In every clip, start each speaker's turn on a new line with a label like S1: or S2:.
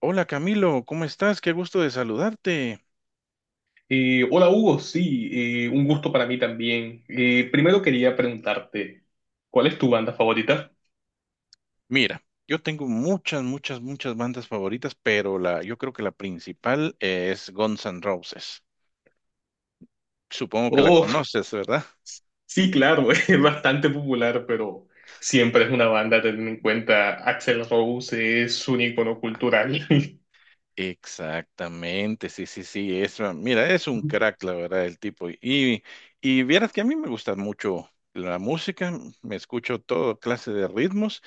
S1: Hola Camilo, ¿cómo estás? Qué gusto de saludarte.
S2: Hola Hugo, sí, un gusto para mí también. Primero quería preguntarte, ¿cuál es tu banda favorita?
S1: Mira, yo tengo muchas, muchas, muchas bandas favoritas, pero la, yo creo que la principal es Guns N' Roses. Supongo que la
S2: Oh,
S1: conoces, ¿verdad?
S2: sí, claro, es bastante popular, pero siempre es una banda a tener en cuenta. Axl Rose es un icono
S1: Ah,
S2: cultural.
S1: Exactamente, sí, sí, sí. Es, mira, es un crack, la verdad, el tipo. Y vieras que a mí me gusta mucho la música, me escucho todo clase de ritmos.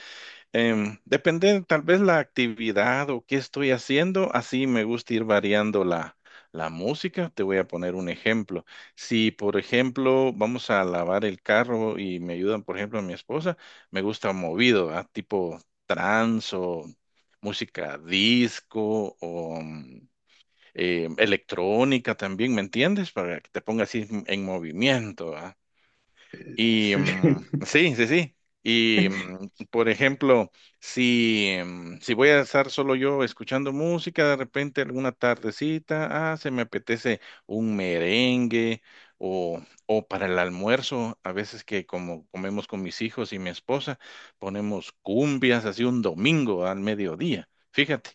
S1: Depende tal vez la actividad o qué estoy haciendo, así me gusta ir variando la música. Te voy a poner un ejemplo. Si, por ejemplo, vamos a lavar el carro y me ayudan, por ejemplo, a mi esposa, me gusta movido, ¿verdad? Tipo trance o música disco o electrónica también, ¿me entiendes? Para que te ponga así en movimiento, ¿verdad? Y
S2: Sí.
S1: sí, sí, sí. Y por ejemplo, si, si voy a estar solo yo escuchando música, de repente alguna tardecita, se me apetece un merengue o, o para el almuerzo, a veces que como comemos con mis hijos y mi esposa, ponemos cumbias así un domingo al mediodía. Fíjate.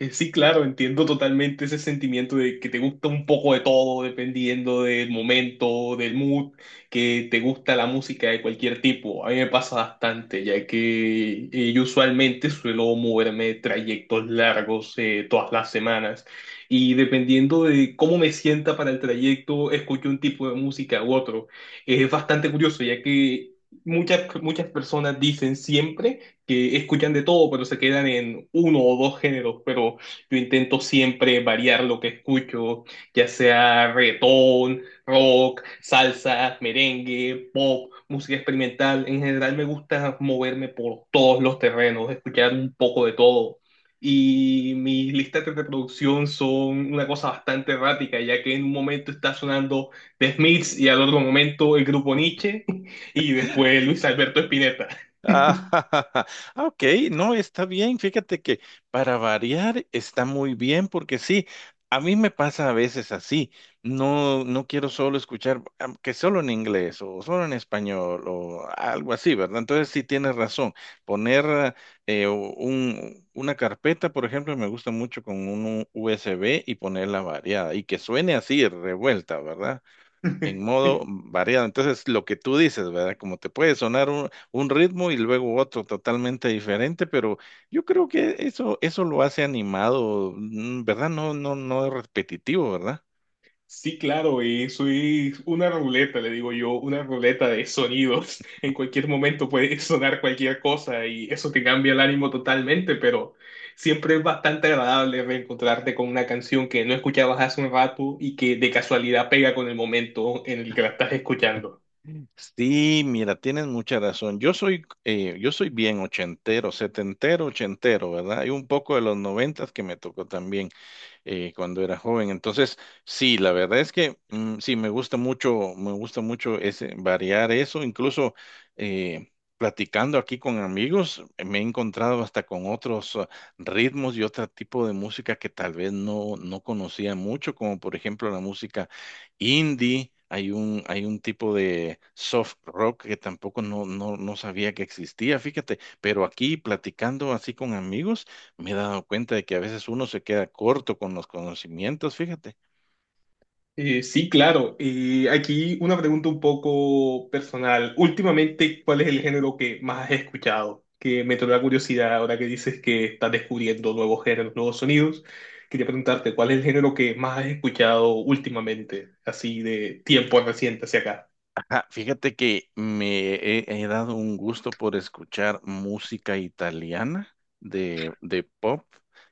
S2: Sí, claro, entiendo totalmente ese sentimiento de que te gusta un poco de todo, dependiendo del momento, del mood, que te gusta la música de cualquier tipo. A mí me pasa bastante, ya que yo usualmente suelo moverme trayectos largos todas las semanas y dependiendo de cómo me sienta para el trayecto, escucho un tipo de música u otro. Es bastante curioso, ya que muchas personas dicen siempre que escuchan de todo, pero se quedan en uno o dos géneros, pero yo intento siempre variar lo que escucho, ya sea reggaetón, rock, salsa, merengue, pop, música experimental. En general me gusta moverme por todos los terrenos, escuchar un poco de todo. Y mis listas de reproducción son una cosa bastante errática, ya que en un momento está sonando The Smiths y al otro momento el grupo Nietzsche y después Luis Alberto Spinetta.
S1: Ah, ok, no, está bien. Fíjate que para variar está muy bien porque sí, a mí me pasa a veces así. No, no quiero solo escuchar que solo en inglés o solo en español o algo así, ¿verdad? Entonces sí tienes razón. Poner una carpeta, por ejemplo, me gusta mucho con un USB y ponerla variada y que suene así revuelta, ¿verdad? En modo variado. Entonces, lo que tú dices, ¿verdad? Como te puede sonar un ritmo y luego otro totalmente diferente, pero yo creo que eso lo hace animado, ¿verdad? No, no, no es repetitivo, ¿verdad?
S2: Sí, claro, eso es una ruleta, le digo yo, una ruleta de sonidos. En cualquier momento puede sonar cualquier cosa y eso te cambia el ánimo totalmente, pero siempre es bastante agradable reencontrarte con una canción que no escuchabas hace un rato y que de casualidad pega con el momento en el que la estás escuchando.
S1: Sí, mira, tienes mucha razón. Yo soy bien ochentero, setentero, ochentero, ¿verdad? Y un poco de los noventas que me tocó también, cuando era joven. Entonces, sí, la verdad es que sí, me gusta mucho ese, variar eso, incluso eh, platicando aquí con amigos, me he encontrado hasta con otros ritmos y otro tipo de música que tal vez no, no conocía mucho, como por ejemplo la música indie. Hay un tipo de soft rock que tampoco no, no, no sabía que existía, fíjate, pero aquí platicando así con amigos, me he dado cuenta de que a veces uno se queda corto con los conocimientos, fíjate.
S2: Sí, claro. Y aquí una pregunta un poco personal. Últimamente, ¿cuál es el género que más has escuchado? Que me trae la curiosidad ahora que dices que estás descubriendo nuevos géneros, nuevos sonidos. Quería preguntarte, ¿cuál es el género que más has escuchado últimamente, así de tiempo reciente hacia acá?
S1: Ajá, fíjate que he dado un gusto por escuchar música italiana, de pop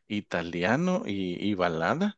S1: italiano y balada.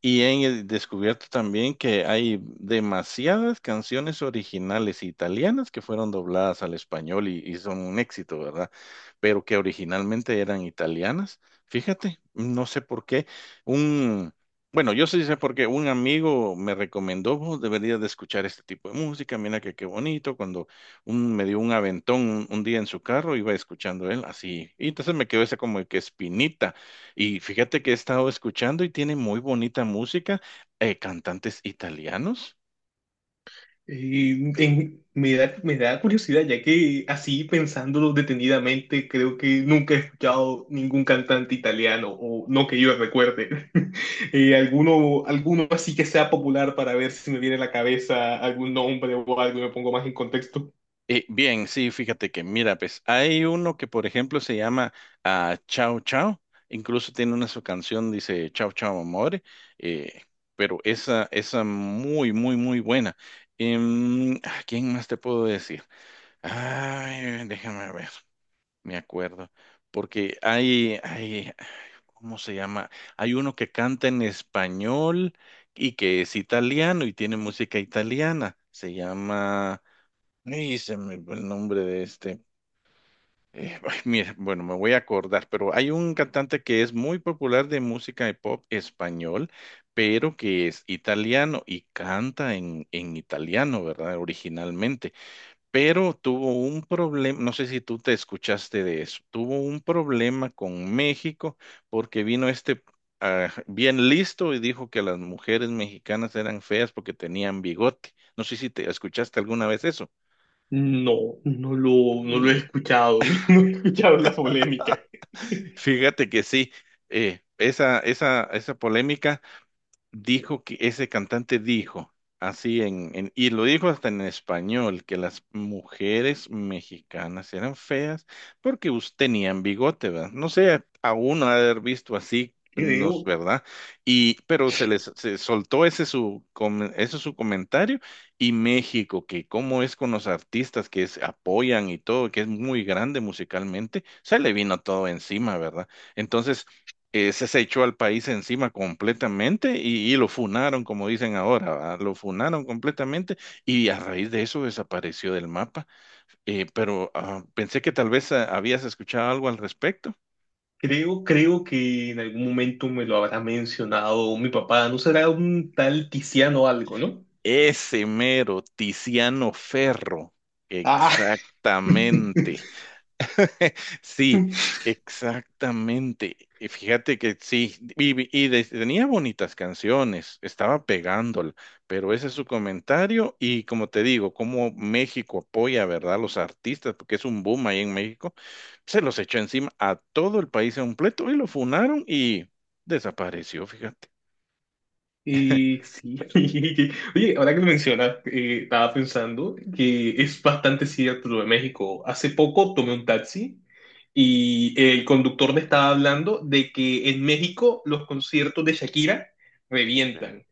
S1: Y he descubierto también que hay demasiadas canciones originales italianas que fueron dobladas al español y son un éxito, ¿verdad? Pero que originalmente eran italianas. Fíjate, no sé por qué. Un, bueno, yo sí sé por qué. Un amigo me recomendó, "Vos deberías de escuchar este tipo de música, mira que qué bonito". Cuando me dio un aventón un día en su carro, iba escuchando él así. Y entonces me quedó esa como que espinita y fíjate que he estado escuchando y tiene muy bonita música, cantantes italianos.
S2: Me da curiosidad, ya que así pensándolo detenidamente, creo que nunca he escuchado ningún cantante italiano, o no que yo recuerde. Alguno, alguno así que sea popular para ver si me viene a la cabeza algún nombre o algo y me pongo más en contexto.
S1: Bien, sí, fíjate que, mira, pues hay uno que, por ejemplo, se llama Ciao Ciao, incluso tiene una su canción, dice Ciao Ciao Amore, eh, pero esa muy, muy, muy buena. ¿Quién más te puedo decir? Ay, déjame ver. Me acuerdo, porque hay, ¿cómo se llama? Hay uno que canta en español y que es italiano y tiene música italiana. Se llama, ay, se me fue el nombre de este. Ay, mira, bueno, me voy a acordar, pero hay un cantante que es muy popular de música de pop español, pero que es italiano y canta en italiano, ¿verdad? Originalmente pero tuvo un problema, no sé si tú te escuchaste de eso, tuvo un problema con México porque vino este bien listo y dijo que las mujeres mexicanas eran feas porque tenían bigote. No sé si te escuchaste alguna vez eso.
S2: No lo
S1: Mm.
S2: he escuchado, no, he escuchado la polémica.
S1: Fíjate que sí, esa, esa, esa polémica. Dijo que ese cantante dijo, así y lo dijo hasta en español, que las mujeres mexicanas eran feas porque tenían bigote, ¿verdad? No sé, aún haber visto así, no es
S2: Creo,
S1: verdad. Y, pero se soltó ese su ese su comentario y México, que cómo es con los artistas que se apoyan y todo, que es muy grande musicalmente, se le vino todo encima, ¿verdad? Entonces, ese se echó al país encima completamente y lo funaron, como dicen ahora, ¿verdad? Lo funaron completamente y a raíz de eso desapareció del mapa. Pero pensé que tal vez habías escuchado algo al respecto.
S2: creo que en algún momento me lo habrá mencionado mi papá, no será un tal Tiziano algo, ¿no?
S1: Ese mero Tiziano Ferro,
S2: Ah,
S1: exactamente. Sí, exactamente. Y fíjate que sí, tenía bonitas canciones, estaba pegándola, pero ese es su comentario y como te digo, como México apoya, ¿verdad? A los artistas, porque es un boom ahí en México, se los echó encima a todo el país completo y lo funaron y desapareció, fíjate.
S2: sí. Oye, ahora que lo mencionas, estaba pensando que es bastante cierto lo de México. Hace poco tomé un taxi y el conductor me estaba hablando de que en México los conciertos de Shakira
S1: Sí.
S2: revientan.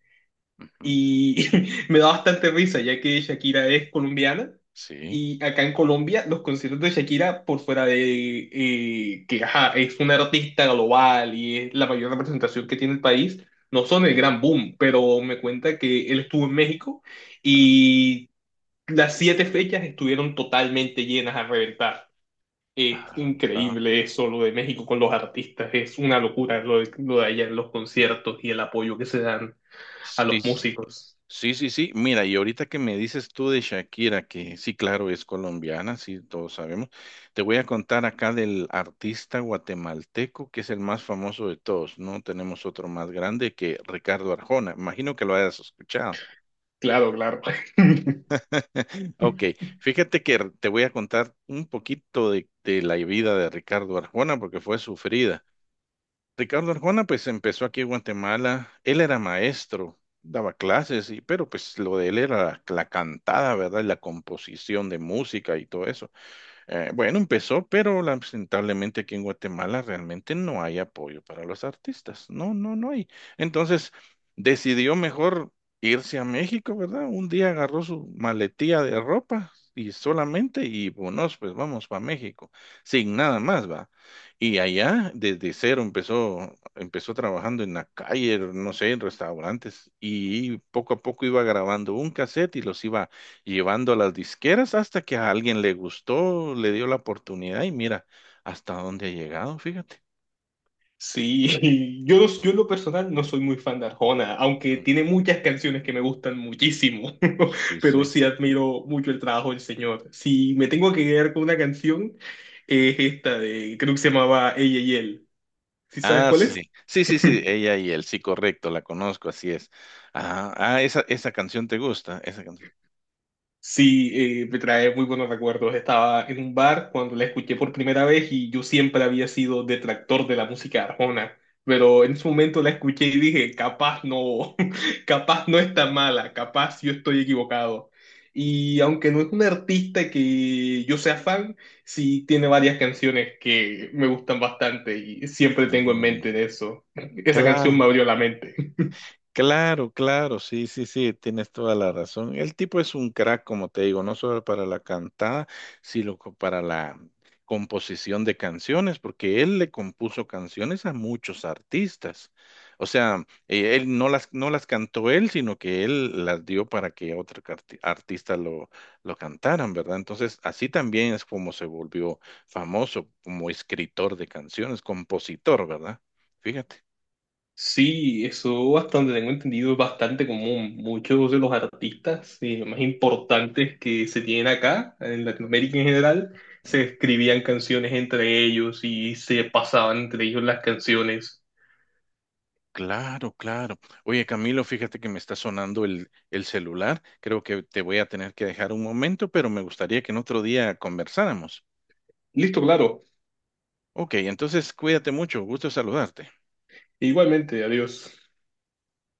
S1: Ujú.
S2: Y me da bastante risa, ya que Shakira es colombiana.
S1: Sí.
S2: Y acá en Colombia, los conciertos de Shakira, por fuera de que ajá, es una artista global y es la mayor representación que tiene el país, no son el gran boom, pero me cuenta que él estuvo en México
S1: Ah,
S2: y las 7 fechas estuvieron totalmente llenas a reventar. Es
S1: Ah, ah,
S2: increíble eso, lo de México con los artistas, es una locura lo de allá en los conciertos y el apoyo que se dan a
S1: sí.
S2: los músicos.
S1: Sí, sí, sí. Mira, y ahorita que me dices tú de Shakira, que sí, claro, es colombiana, sí, todos sabemos. Te voy a contar acá del artista guatemalteco, que es el más famoso de todos, ¿no? Tenemos otro más grande que Ricardo Arjona. Imagino que lo hayas escuchado.
S2: Claro, claro.
S1: Ok, fíjate que te voy a contar un poquito de la vida de Ricardo Arjona, porque fue sufrida. Ricardo Arjona pues empezó aquí en Guatemala, él era maestro, daba clases, y, pero pues lo de él era la cantada, ¿verdad? Y la composición de música y todo eso. Bueno, empezó, pero lamentablemente aquí en Guatemala realmente no hay apoyo para los artistas. No, no, no hay. Entonces decidió mejor irse a México, ¿verdad? Un día agarró su maletía de ropa y solamente, y bueno, pues vamos para México, sin nada más, va. Y allá, desde cero, empezó trabajando en la calle, no sé, en restaurantes, y poco a poco iba grabando un cassette y los iba llevando a las disqueras hasta que a alguien le gustó, le dio la oportunidad y mira hasta dónde ha llegado, fíjate.
S2: Sí, yo en lo personal no soy muy fan de Arjona, aunque
S1: Ujú.
S2: tiene muchas canciones que me gustan muchísimo,
S1: Sí,
S2: pero
S1: sí.
S2: sí admiro mucho el trabajo del señor. Si me tengo que quedar con una canción, es esta de, creo que se llamaba Ella y él. ¿Sí sabes
S1: Ah,
S2: cuál
S1: sí,
S2: es?
S1: sí, sí, sí, sí, ella y él, sí, correcto, la conozco, así es. Esa, esa canción te gusta, esa canción.
S2: Sí, me trae muy buenos recuerdos. Estaba en un bar cuando la escuché por primera vez y yo siempre había sido detractor de la música arjona, pero en ese momento la escuché y dije, capaz no, capaz no está mala, capaz yo estoy equivocado. Y aunque no es un artista que yo sea fan, sí tiene varias canciones que me gustan bastante y siempre tengo en
S1: Mm,
S2: mente de eso. Esa canción me
S1: claro.
S2: abrió la mente.
S1: Claro, claro, sí, sí, sí, tienes toda la razón. El tipo es un crack, como te digo, no solo para la cantada, sino para la composición de canciones, porque él le compuso canciones a muchos artistas. O sea, él no las cantó él, sino que él las dio para que otro artista lo cantaran, ¿verdad? Entonces, así también es como se volvió famoso como escritor de canciones, compositor, ¿verdad? Fíjate.
S2: Sí, eso bastante, tengo entendido, es bastante común. Muchos de los artistas más importantes que se tienen acá, en Latinoamérica en general, se escribían canciones entre ellos y se pasaban entre ellos las canciones.
S1: Claro, claro. Oye, Camilo, fíjate que me está sonando el celular. Creo que te voy a tener que dejar un momento, pero me gustaría que en otro día conversáramos.
S2: Listo, claro.
S1: Ok, entonces cuídate mucho. Gusto saludarte.
S2: Igualmente, adiós.